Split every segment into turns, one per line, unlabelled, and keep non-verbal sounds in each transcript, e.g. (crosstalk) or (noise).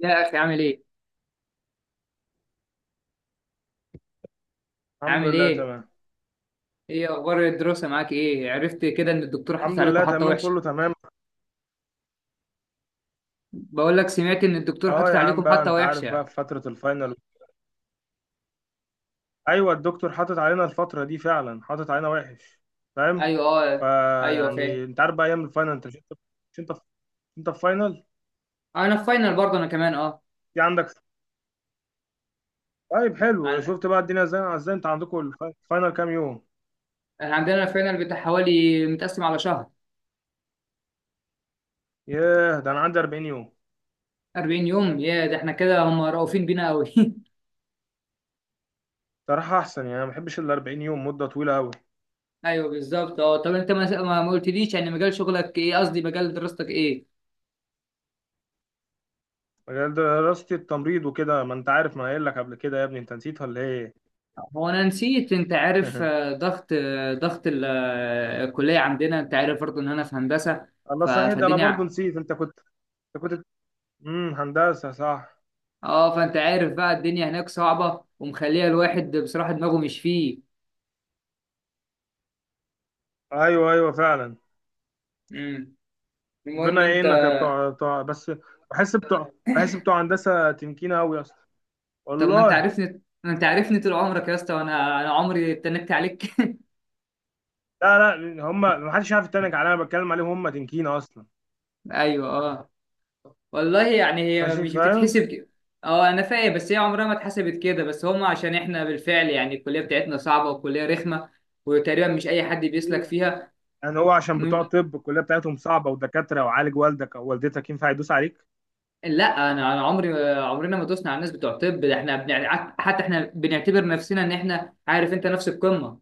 يا اخي، عامل ايه؟
الحمد
عامل
لله
ايه؟
تمام.
ايه اخبار الدراسه معاك؟ ايه عرفت كده ان الدكتور حاطط عليكم حطه وحشه؟
كله تمام.
بقول لك سمعت ان الدكتور
اه
حاطط
يا عم
عليكم
بقى،
حطه
انت عارف
وحشه.
بقى في فترة الفاينل. ايوه الدكتور حاطط علينا الفترة دي فعلا، حاطط علينا وحش. فاهم.
ايوه. اه. ايوه
فيعني
فاهم.
انت عارف بقى ايام الفاينل، انت مش انت مش انت في انت في فاينل.
انا في فاينل برضه انا كمان. اه.
دي عندك. طيب حلو،
عن-
شفت بقى الدنيا ازاي، انت عندكم الفاينل كام يوم؟
احنا عندنا الفاينل بتاع حوالي متقسم على شهر.
ياه، ده انا عندي 40 يوم.
40 يوم؟ يا ده احنا كده هم رؤوفين بينا قوي. (laughs)
صراحة احسن يعني، انا ما بحبش ال 40 يوم، مدة طويلة قوي.
ايوه بالظبط. اه طب انت ما قلتليش، يعني مجال شغلك ايه؟ قصدي مجال دراستك ايه؟
مجال دراستي التمريض وكده، ما انت عارف، ما أنا قايل لك قبل كده يا ابني، انت نسيت ولا ايه؟
هو انا نسيت، انت عارف،
(laughs)
ضغط، الكليه عندنا، انت عارف برضه ان انا في هندسه.
الله صحيح، ده انا برضو
فالدنيا،
نسيت، انت كنت، انت كنت هندسه صح.
اه. فانت عارف بقى الدنيا هناك صعبه ومخليه الواحد بصراحه دماغه مش فيه.
ايوه ايوه فعلا.
امم المهم
ربنا
انت،
يعينك يا بتوع بس. بحس بتوع هندسه تنكينه قوي اصلا.
طب ما انت
والله.
عارفني، ما انت عارفني، طول عمرك يا اسطى، وانا عمري اتنكت عليك. (laughs)
لا لا، هم ما حدش عارف يتنك عليا، انا بتكلم عليهم هم تنكينه اصلا.
ايوه اه. والله يعني هي
ماشي
مش
فاهم.
بتتحسب كده. اه انا فاهم بس هي عمرها ما اتحسبت كده، بس هم عشان احنا بالفعل يعني الكليه بتاعتنا صعبه وكليه رخمه، وتقريبا مش اي حد بيسلك
طبيعي.
فيها.
يعني هو عشان بتوع
م-
طب الكليه بتاعتهم صعبه ودكاتره وعالج، والدك او والدتك ينفع يدوس عليك.
لا. انا عمري، عمرنا ما دوسنا على الناس بتوع طب. ده احنا حتى احنا بنعتبر نفسنا ان احنا، عارف انت، نفس القمه.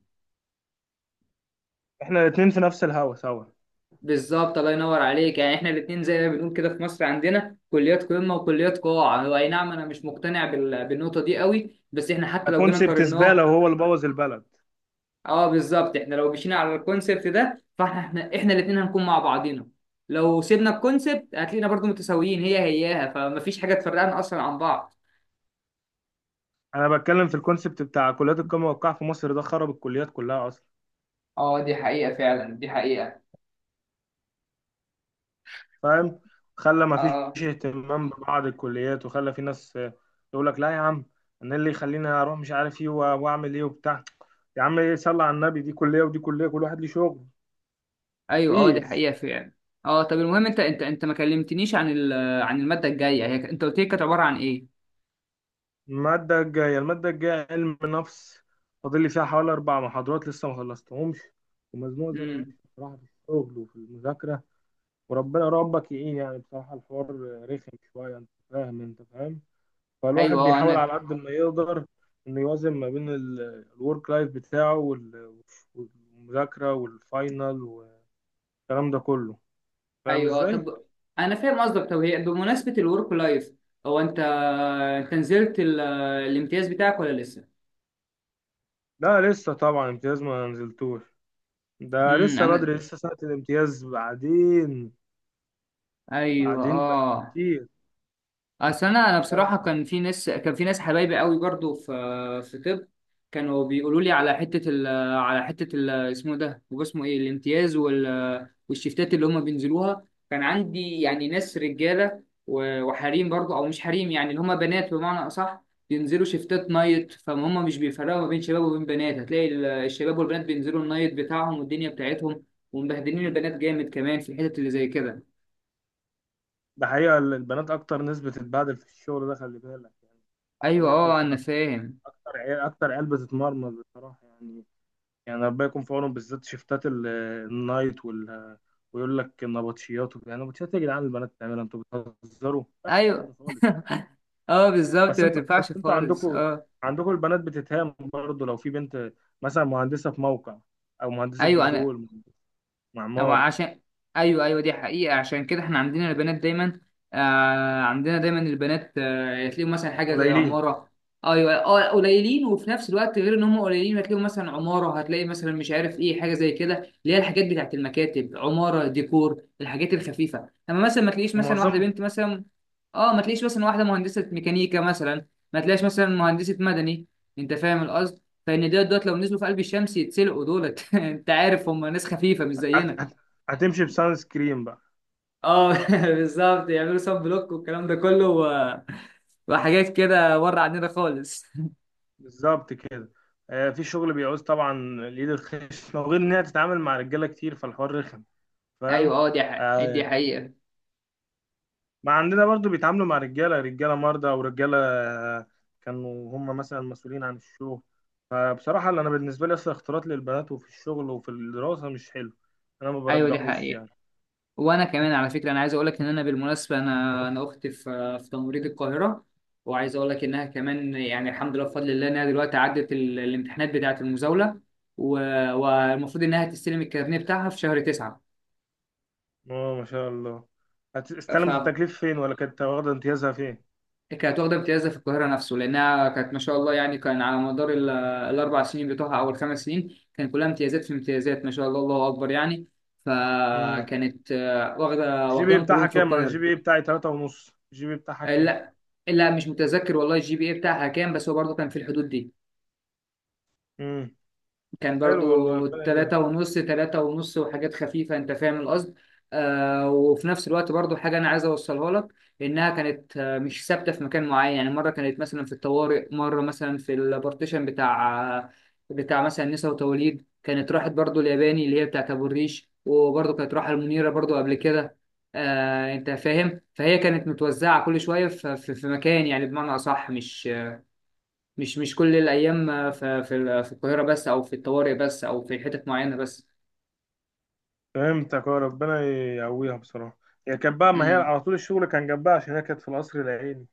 احنا الاثنين في نفس الهوا سوا.
بالظبط، الله ينور عليك، يعني احنا الاثنين زي ما بنقول كده في مصر عندنا كليات قمه وكليات قاع. هو اي نعم انا مش مقتنع بالنقطه دي قوي، بس احنا حتى لو جينا
الكونسيبت
قارناه.
زباله، وهو اللي بوظ البلد.
اه بالظبط، احنا لو مشينا على الكونسبت ده فاحنا احنا الاثنين هنكون مع بعضينا. لو سيبنا الكونسبت هتلاقينا برضو متساويين، هي هياها، فمفيش حاجه تفرقنا اصلا عن بعض.
انا بتكلم في الكونسيبت بتاع كليات القمه والقاع في مصر، ده خرب الكليات كلها اصلا.
اه دي حقيقة فعلا، دي حقيقة.
فاهم. خلى ما
آه.
فيش اهتمام ببعض الكليات، وخلى في ناس يقول لك لا يا عم، انا اللي يخليني اروح مش عارف ايه واعمل ايه وبتاع. يا عم ايه، صلى على النبي، دي كليه ودي كليه، كل واحد ليه شغل.
ايوه اه دي
مفيش.
حقيقه فعلا. اه طب المهم انت، انت ما كلمتنيش عن عن الماده الجايه، هي انت قلت لي كانت عباره عن ايه؟
الماده الجايه، علم نفس. فاضل لي فيها حوالي اربع محاضرات لسه ما خلصتهمش. ومزنوق زي انا
امم
ماشي بصراحه، في الشغل وفي المذاكره. وربنا ربك يعين، يعني بصراحه الحوار رخم شويه، انت فاهم، انت فاهم. فالواحد
ايوه اه.
بيحاول
انا
على قد ما يقدر انه يوازن ما بين الورك لايف بتاعه والمذاكرة والفاينل والكلام ده كله. فاهم
ايوه اه.
ازاي؟
طب انا فاهم قصدك. طب هي بمناسبه الورك لايف، هو انت نزلت الامتياز بتاعك ولا لسه؟
لا لسه طبعا، امتياز ما نزلتوش. ده لسه
انا
بدري، لسه سنة الامتياز بعدين.
ايوه
بعدين بقى
اه.
كتير.
اصل انا،
لا.
بصراحه كان في ناس، كان في ناس حبايبي قوي برضو في، في طب. كانوا بيقولوا لي على حته على حته اسمه ده، هو اسمه ايه؟ الامتياز والشفتات اللي هم بينزلوها، كان عندي يعني ناس رجاله وحريم برضو، او مش حريم يعني، اللي هم بنات بمعنى اصح، بينزلوا شفتات نايت، فهم مش بيفرقوا ما بين شباب وبين بنات. هتلاقي الشباب والبنات بينزلوا النايت بتاعهم والدنيا بتاعتهم، ومبهدلين البنات جامد كمان في الحتت اللي زي كده.
ده حقيقة، البنات أكتر ناس بتتبهدل في الشغل ده، خلي بالك يعني.
ايوه
طبيعة
اه
الحال.
انا فاهم.
أكتر عيال بتتمرمط بصراحة يعني. يعني ربنا يكون في عونهم، بالذات شيفتات النايت ويقول لك النبطشيات وكده، النبطشيات يا جدعان البنات بتعملها، انتوا بتهزروا، ما ينفعش الكلام ده
ايوه.
خالص.
(laughs) اه بالظبط
بس
ما
انتوا بس
تنفعش
انتوا
خالص
عندكم
اه.
عندكم البنات بتتهام برضه، لو في بنت مثلا مهندسه في موقع، او مهندسه
ايوه. انا
بترول،
هو
معمار.
عشان، ايوه ايوه دي حقيقة. عشان كده احنا عندنا البنات دايما، آه عندنا دايما البنات، آه تلاقيهم مثلا حاجة زي
قليلين.
عمارة. ايوه اه قليلين، وفي نفس الوقت غير ان هم قليلين، هتلاقيهم مثلا عمارة، هتلاقي مثلا مش عارف ايه حاجة زي كده، اللي هي الحاجات بتاعت المكاتب، عمارة ديكور، الحاجات الخفيفة. اما مثلا ما تلاقيش مثلا واحدة
ومعظم.
بنت مثلا، اه ما تلاقيش مثلا واحدة مهندسة ميكانيكا مثلا، ما تلاقيش مثلا مهندسة مدني. انت فاهم القصد، فان دول لو نزلوا في قلب الشمس يتسلقوا دولت. (laughs) انت عارف هم ناس خفيفة مش
هت-
زينا.
هت- هتمشي بسان سكرين بقى.
اه. (laughs) بالظبط، يعملوا سب بلوك والكلام ده كله، وحاجات كده بره عننا خالص.
بالظبط كده. في شغل بيعوز طبعا اليد الخشنه، وغير ان هي تتعامل مع رجاله كتير، فالحوار رخم.
ايوه
فاهم.
اه دي حقيقة،
آه،
دي حقيقة.
ما عندنا برضو بيتعاملوا مع رجالة، مرضى أو رجالة كانوا هم مثلا مسؤولين عن الشغل. فبصراحة اللي أنا بالنسبة لي، أصلا اختلاط للبنات، وفي الشغل وفي الدراسة، مش حلو. أنا ما
ايوه دي
برجحوش
حقيقة.
يعني.
وانا كمان على فكرة، انا عايز اقول لك ان انا بالمناسبة، انا اختي في، في تمريض القاهرة، وعايز اقول لك انها كمان يعني الحمد لله بفضل الله، انها دلوقتي عدت الامتحانات بتاعة المزاولة، و- والمفروض انها تستلم الكارنيه بتاعها في شهر تسعة.
اه ما شاء الله. استلمت التكليف فين، ولا كانت واخدة امتيازها فين؟
كانت واخدة امتياز في القاهرة نفسه، لأنها كانت ما شاء الله يعني كان على مدار الأربع سنين بتوعها أو الخمس سنين، كان كلها امتيازات في امتيازات، ما شاء الله، الله أكبر يعني.
امم.
فكانت واخدة،
الجي بي إيه
واخداهم
بتاعها
كلهم في
كام؟ أنا الجي
القاهرة.
بي إيه بتاعي تلاتة ونص، الجي بي إيه بتاعها كام؟
لا، لا مش متذكر والله الجي بي اي بتاعها كام، بس هو برضه كان في الحدود دي.
امم.
كان
حلو والله،
برضو
ربنا يبارك.
تلاتة ونص، تلاتة ونص وحاجات خفيفة، انت فاهم القصد. آه وفي نفس الوقت برضو حاجة انا عايز اوصلها لك، انها كانت مش ثابتة في مكان معين، يعني مرة كانت مثلا في الطوارئ، مرة مثلا في البارتيشن بتاع مثلا نساء وتوليد، كانت راحت برضو الياباني اللي هي بتاعت ابو الريش، وبرضو كانت راحة المنيرة برضو قبل كده. آه انت فاهم، فهي كانت متوزعة كل شوية في مكان، يعني بمعنى اصح مش مش كل الأيام في في القاهرة بس، أو في الطوارئ بس، أو في حتت معينة بس.
فهمتك اه، ربنا يقويها بصراحة. هي كانت بقى، ما هي
امم
على طول الشغل كان جنبها، عشان هي كانت في القصر العيني.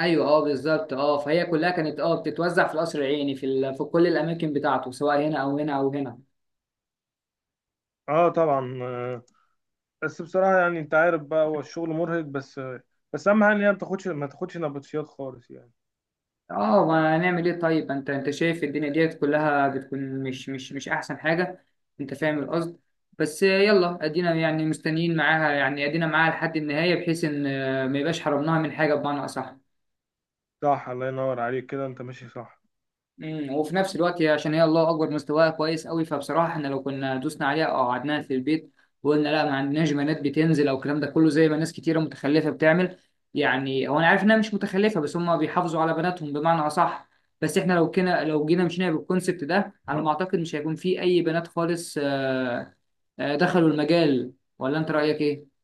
أيوه أه بالظبط أه. فهي كلها كانت أه بتتوزع في القصر العيني، في في كل الأماكن بتاعته، سواء هنا أو هنا أو هنا.
اه طبعا. بس بصراحة يعني، انت عارف بقى، هو الشغل مرهق. بس اهم حاجة ان هي ما تاخدش نبطشيات خالص يعني.
أه ما هنعمل إيه؟ طيب أنت، أنت شايف الدنيا ديت كلها بتكون مش مش أحسن حاجة، أنت فاهم القصد. بس يلا أدينا يعني مستنيين معاها، يعني أدينا معاها لحد النهاية، بحيث إن ما يبقاش حرمناها من حاجة بمعنى أصح.
صح، الله ينور عليك كده، انت ماشي صح.
وفي نفس الوقت عشان هي الله اكبر مستواها كويس قوي، فبصراحه احنا لو كنا دوسنا عليها او قعدناها في البيت، وقلنا لا ما عندناش بنات بتنزل او الكلام ده كله، زي ما ناس كتيره متخلفه بتعمل، يعني هو انا عارف انها مش متخلفه، بس هم بيحافظوا على بناتهم بمعنى اصح. بس احنا لو كنا، لو جينا مشينا بالكونسبت ده، على ما اعتقد مش هيكون في اي بنات خالص دخلوا المجال، ولا انت رايك ايه؟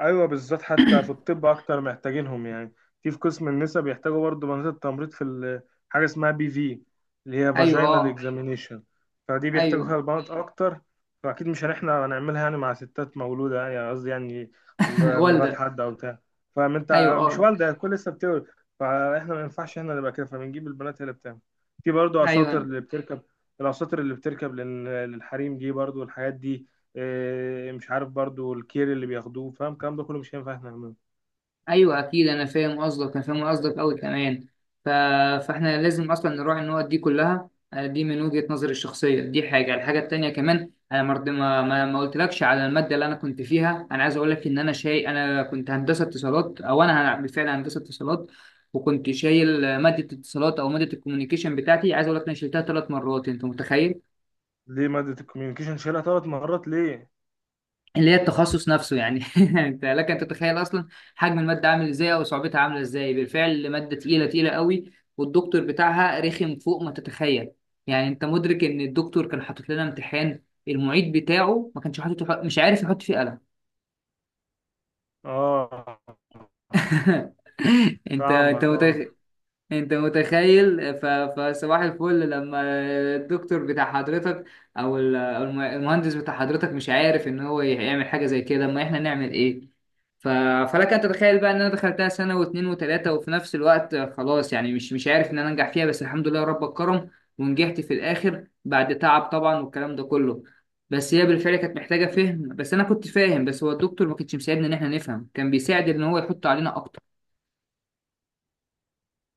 ايوه بالذات، حتى في الطب اكتر محتاجينهم يعني. في قسم النساء بيحتاجوا برضه بنات التمريض حاجه اسمها بي في، اللي هي
ايوه
فاجينال
اه.
اكزامينيشن. فدي بيحتاجوا فيها
ايوه.
البنات اكتر. فاكيد مش هنحنا هنعملها يعني مع ستات مولوده يعني، قصدي يعني
(laughs)
مرات
والده.
حد او بتاع. فاهم، انت
ايوه
مش
اه.
والده، الكل لسه بتولد. فاحنا ما ينفعش احنا نبقى كده، فبنجيب البنات هي اللي بتعمل. في برضه اساطر
ايوه.
اللي بتركب، الاساطر اللي بتركب لل- للحريم دي برضه، والحاجات دي. مش عارف برضو الكير اللي بياخدوه، فاهم الكلام ده كله مش هينفع احنا نعمله.
ايوه اكيد انا فاهم قصدك، انا فاهم قصدك قوي كمان. ف... فاحنا لازم اصلا نراعي النقط دي كلها، دي من وجهة نظري الشخصيه، دي حاجه. الحاجه التانيه كمان، انا مرض ما قلتلكش على الماده اللي انا كنت فيها. انا عايز اقول لك ان انا شايل، انا كنت هندسه اتصالات، او انا بالفعل هندسه اتصالات، وكنت شايل ماده الاتصالات او ماده الكوميونيكيشن بتاعتي. عايز اقول لك انا شلتها ثلاث مرات، انت متخيل؟
ليه مادة الكوميونيكيشن شالها ثلاث مرات ليه؟
اللي هي التخصص نفسه يعني. (laughs) انت لك ان تتخيل اصلا حجم الماده عامل ازاي، او صعوبتها عامله ازاي. بالفعل ماده تقيله، تقيله قوي، والدكتور بتاعها رخم فوق ما تتخيل. يعني انت مدرك ان الدكتور كان حاطط لنا امتحان المعيد بتاعه ما كانش حاطط، مش عارف يحط فيه قلم.
اه
(laughs) انت
فاهمك اه،
انت متخيل، فصباح الفل لما الدكتور بتاع حضرتك، او المهندس بتاع حضرتك، مش عارف ان هو يعمل حاجه زي كده، ما احنا نعمل ايه؟ ف... فلك ان تتخيل بقى ان انا دخلتها سنه واثنين وثلاثه، وفي نفس الوقت خلاص يعني مش عارف ان انا انجح فيها، بس الحمد لله رب كرم ونجحت في الاخر بعد تعب طبعا والكلام ده كله. بس هي بالفعل كانت محتاجه فهم، بس انا كنت فاهم، بس هو الدكتور ما كانش مساعدنا ان احنا نفهم، كان بيساعد ان هو يحط علينا اكتر.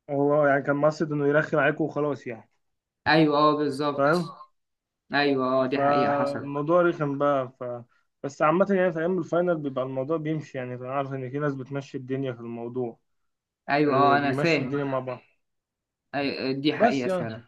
هو يعني كان مقصد انه يرخم عليكم وخلاص يعني.
ايوه اه
فاهم؟
بالظبط. ايوه اه دي حقيقة حصلت.
فالموضوع رخم بقى. ف. بس عامة يعني، في أيام الفاينل بيبقى الموضوع بيمشي يعني، أنا عارف إن في ناس بتمشي الدنيا في الموضوع.
ايوه اه انا
بيمشوا
فاهم.
الدنيا مع بعض.
أيوة دي
بس
حقيقة
يعني.
فعلا.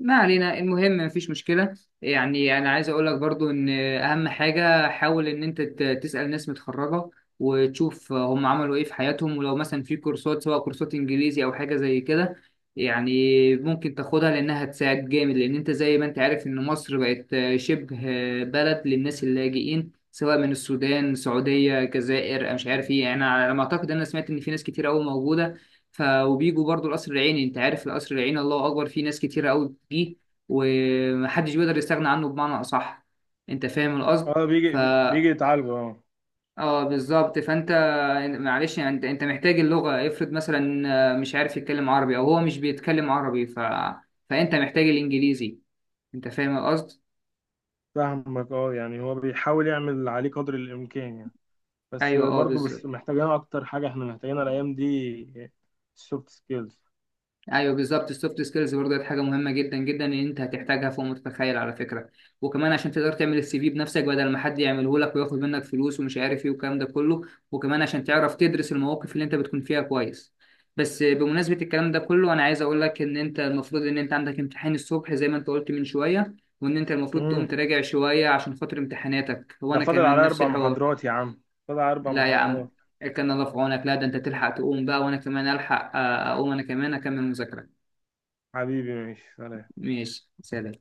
ما علينا، المهم مفيش مشكلة. يعني أنا عايز أقول لك برضو إن أهم حاجة، حاول إن أنت تسأل ناس متخرجة، وتشوف هم عملوا إيه في حياتهم، ولو مثلا في كورسات سواء كورسات إنجليزي أو حاجة زي كده يعني، ممكن تاخدها لأنها هتساعد جامد. لأن أنت زي ما أنت عارف إن مصر بقت شبه بلد للناس اللاجئين، سواء من السودان، السعودية، الجزائر، أنا مش عارف إيه، يعني أنا على ما أعتقد أنا سمعت إن في ناس كتير أوي موجودة. ف وبيجوا برضو القصر العيني، انت عارف القصر العيني الله اكبر فيه ناس كتيره قوي فيه، ومحدش بيقدر يستغنى عنه بمعنى اصح، انت فاهم القصد.
اه. بيجي،
ف
يتعالجوا اه.
اه بالظبط. فانت معلش يعني، انت انت محتاج اللغه. افرض مثلا مش عارف يتكلم عربي، او هو مش بيتكلم عربي، ف فانت محتاج الانجليزي، انت فاهم القصد.
فاهمك اه، يعني هو بيحاول يعمل اللي عليه قدر الإمكان يعني. بس
ايوه اه
برضو، بس
بالظبط.
محتاجين اكتر حاجه احنا محتاجينها الايام دي، السوفت سكيلز.
ايوه بالظبط السوفت سكيلز برضه دي حاجه مهمه جدا جدا، ان انت هتحتاجها فوق ما تتخيل على فكره. وكمان عشان تقدر تعمل السي في بنفسك، بدل ما حد يعمله لك وياخد منك فلوس ومش عارف ايه والكلام ده كله. وكمان عشان تعرف تدرس المواقف اللي انت بتكون فيها كويس. بس بمناسبه الكلام ده كله، انا عايز اقول لك ان انت المفروض ان انت عندك امتحان الصبح زي ما انت قلت من شويه، وان انت المفروض تقوم
امم.
تراجع شويه عشان خاطر امتحاناتك،
ده
وانا
فاضل
كمان
على
نفس
اربع
الحوار.
محاضرات يا عم، فاضل على اربع
لا يا عم،
محاضرات.
كان الله في عونك. لا ده انت تلحق تقوم بقى، وانا كمان الحق اقوم انا كمان اكمل مذاكره.
حبيبي ماشي سلام.
ماشي سلام.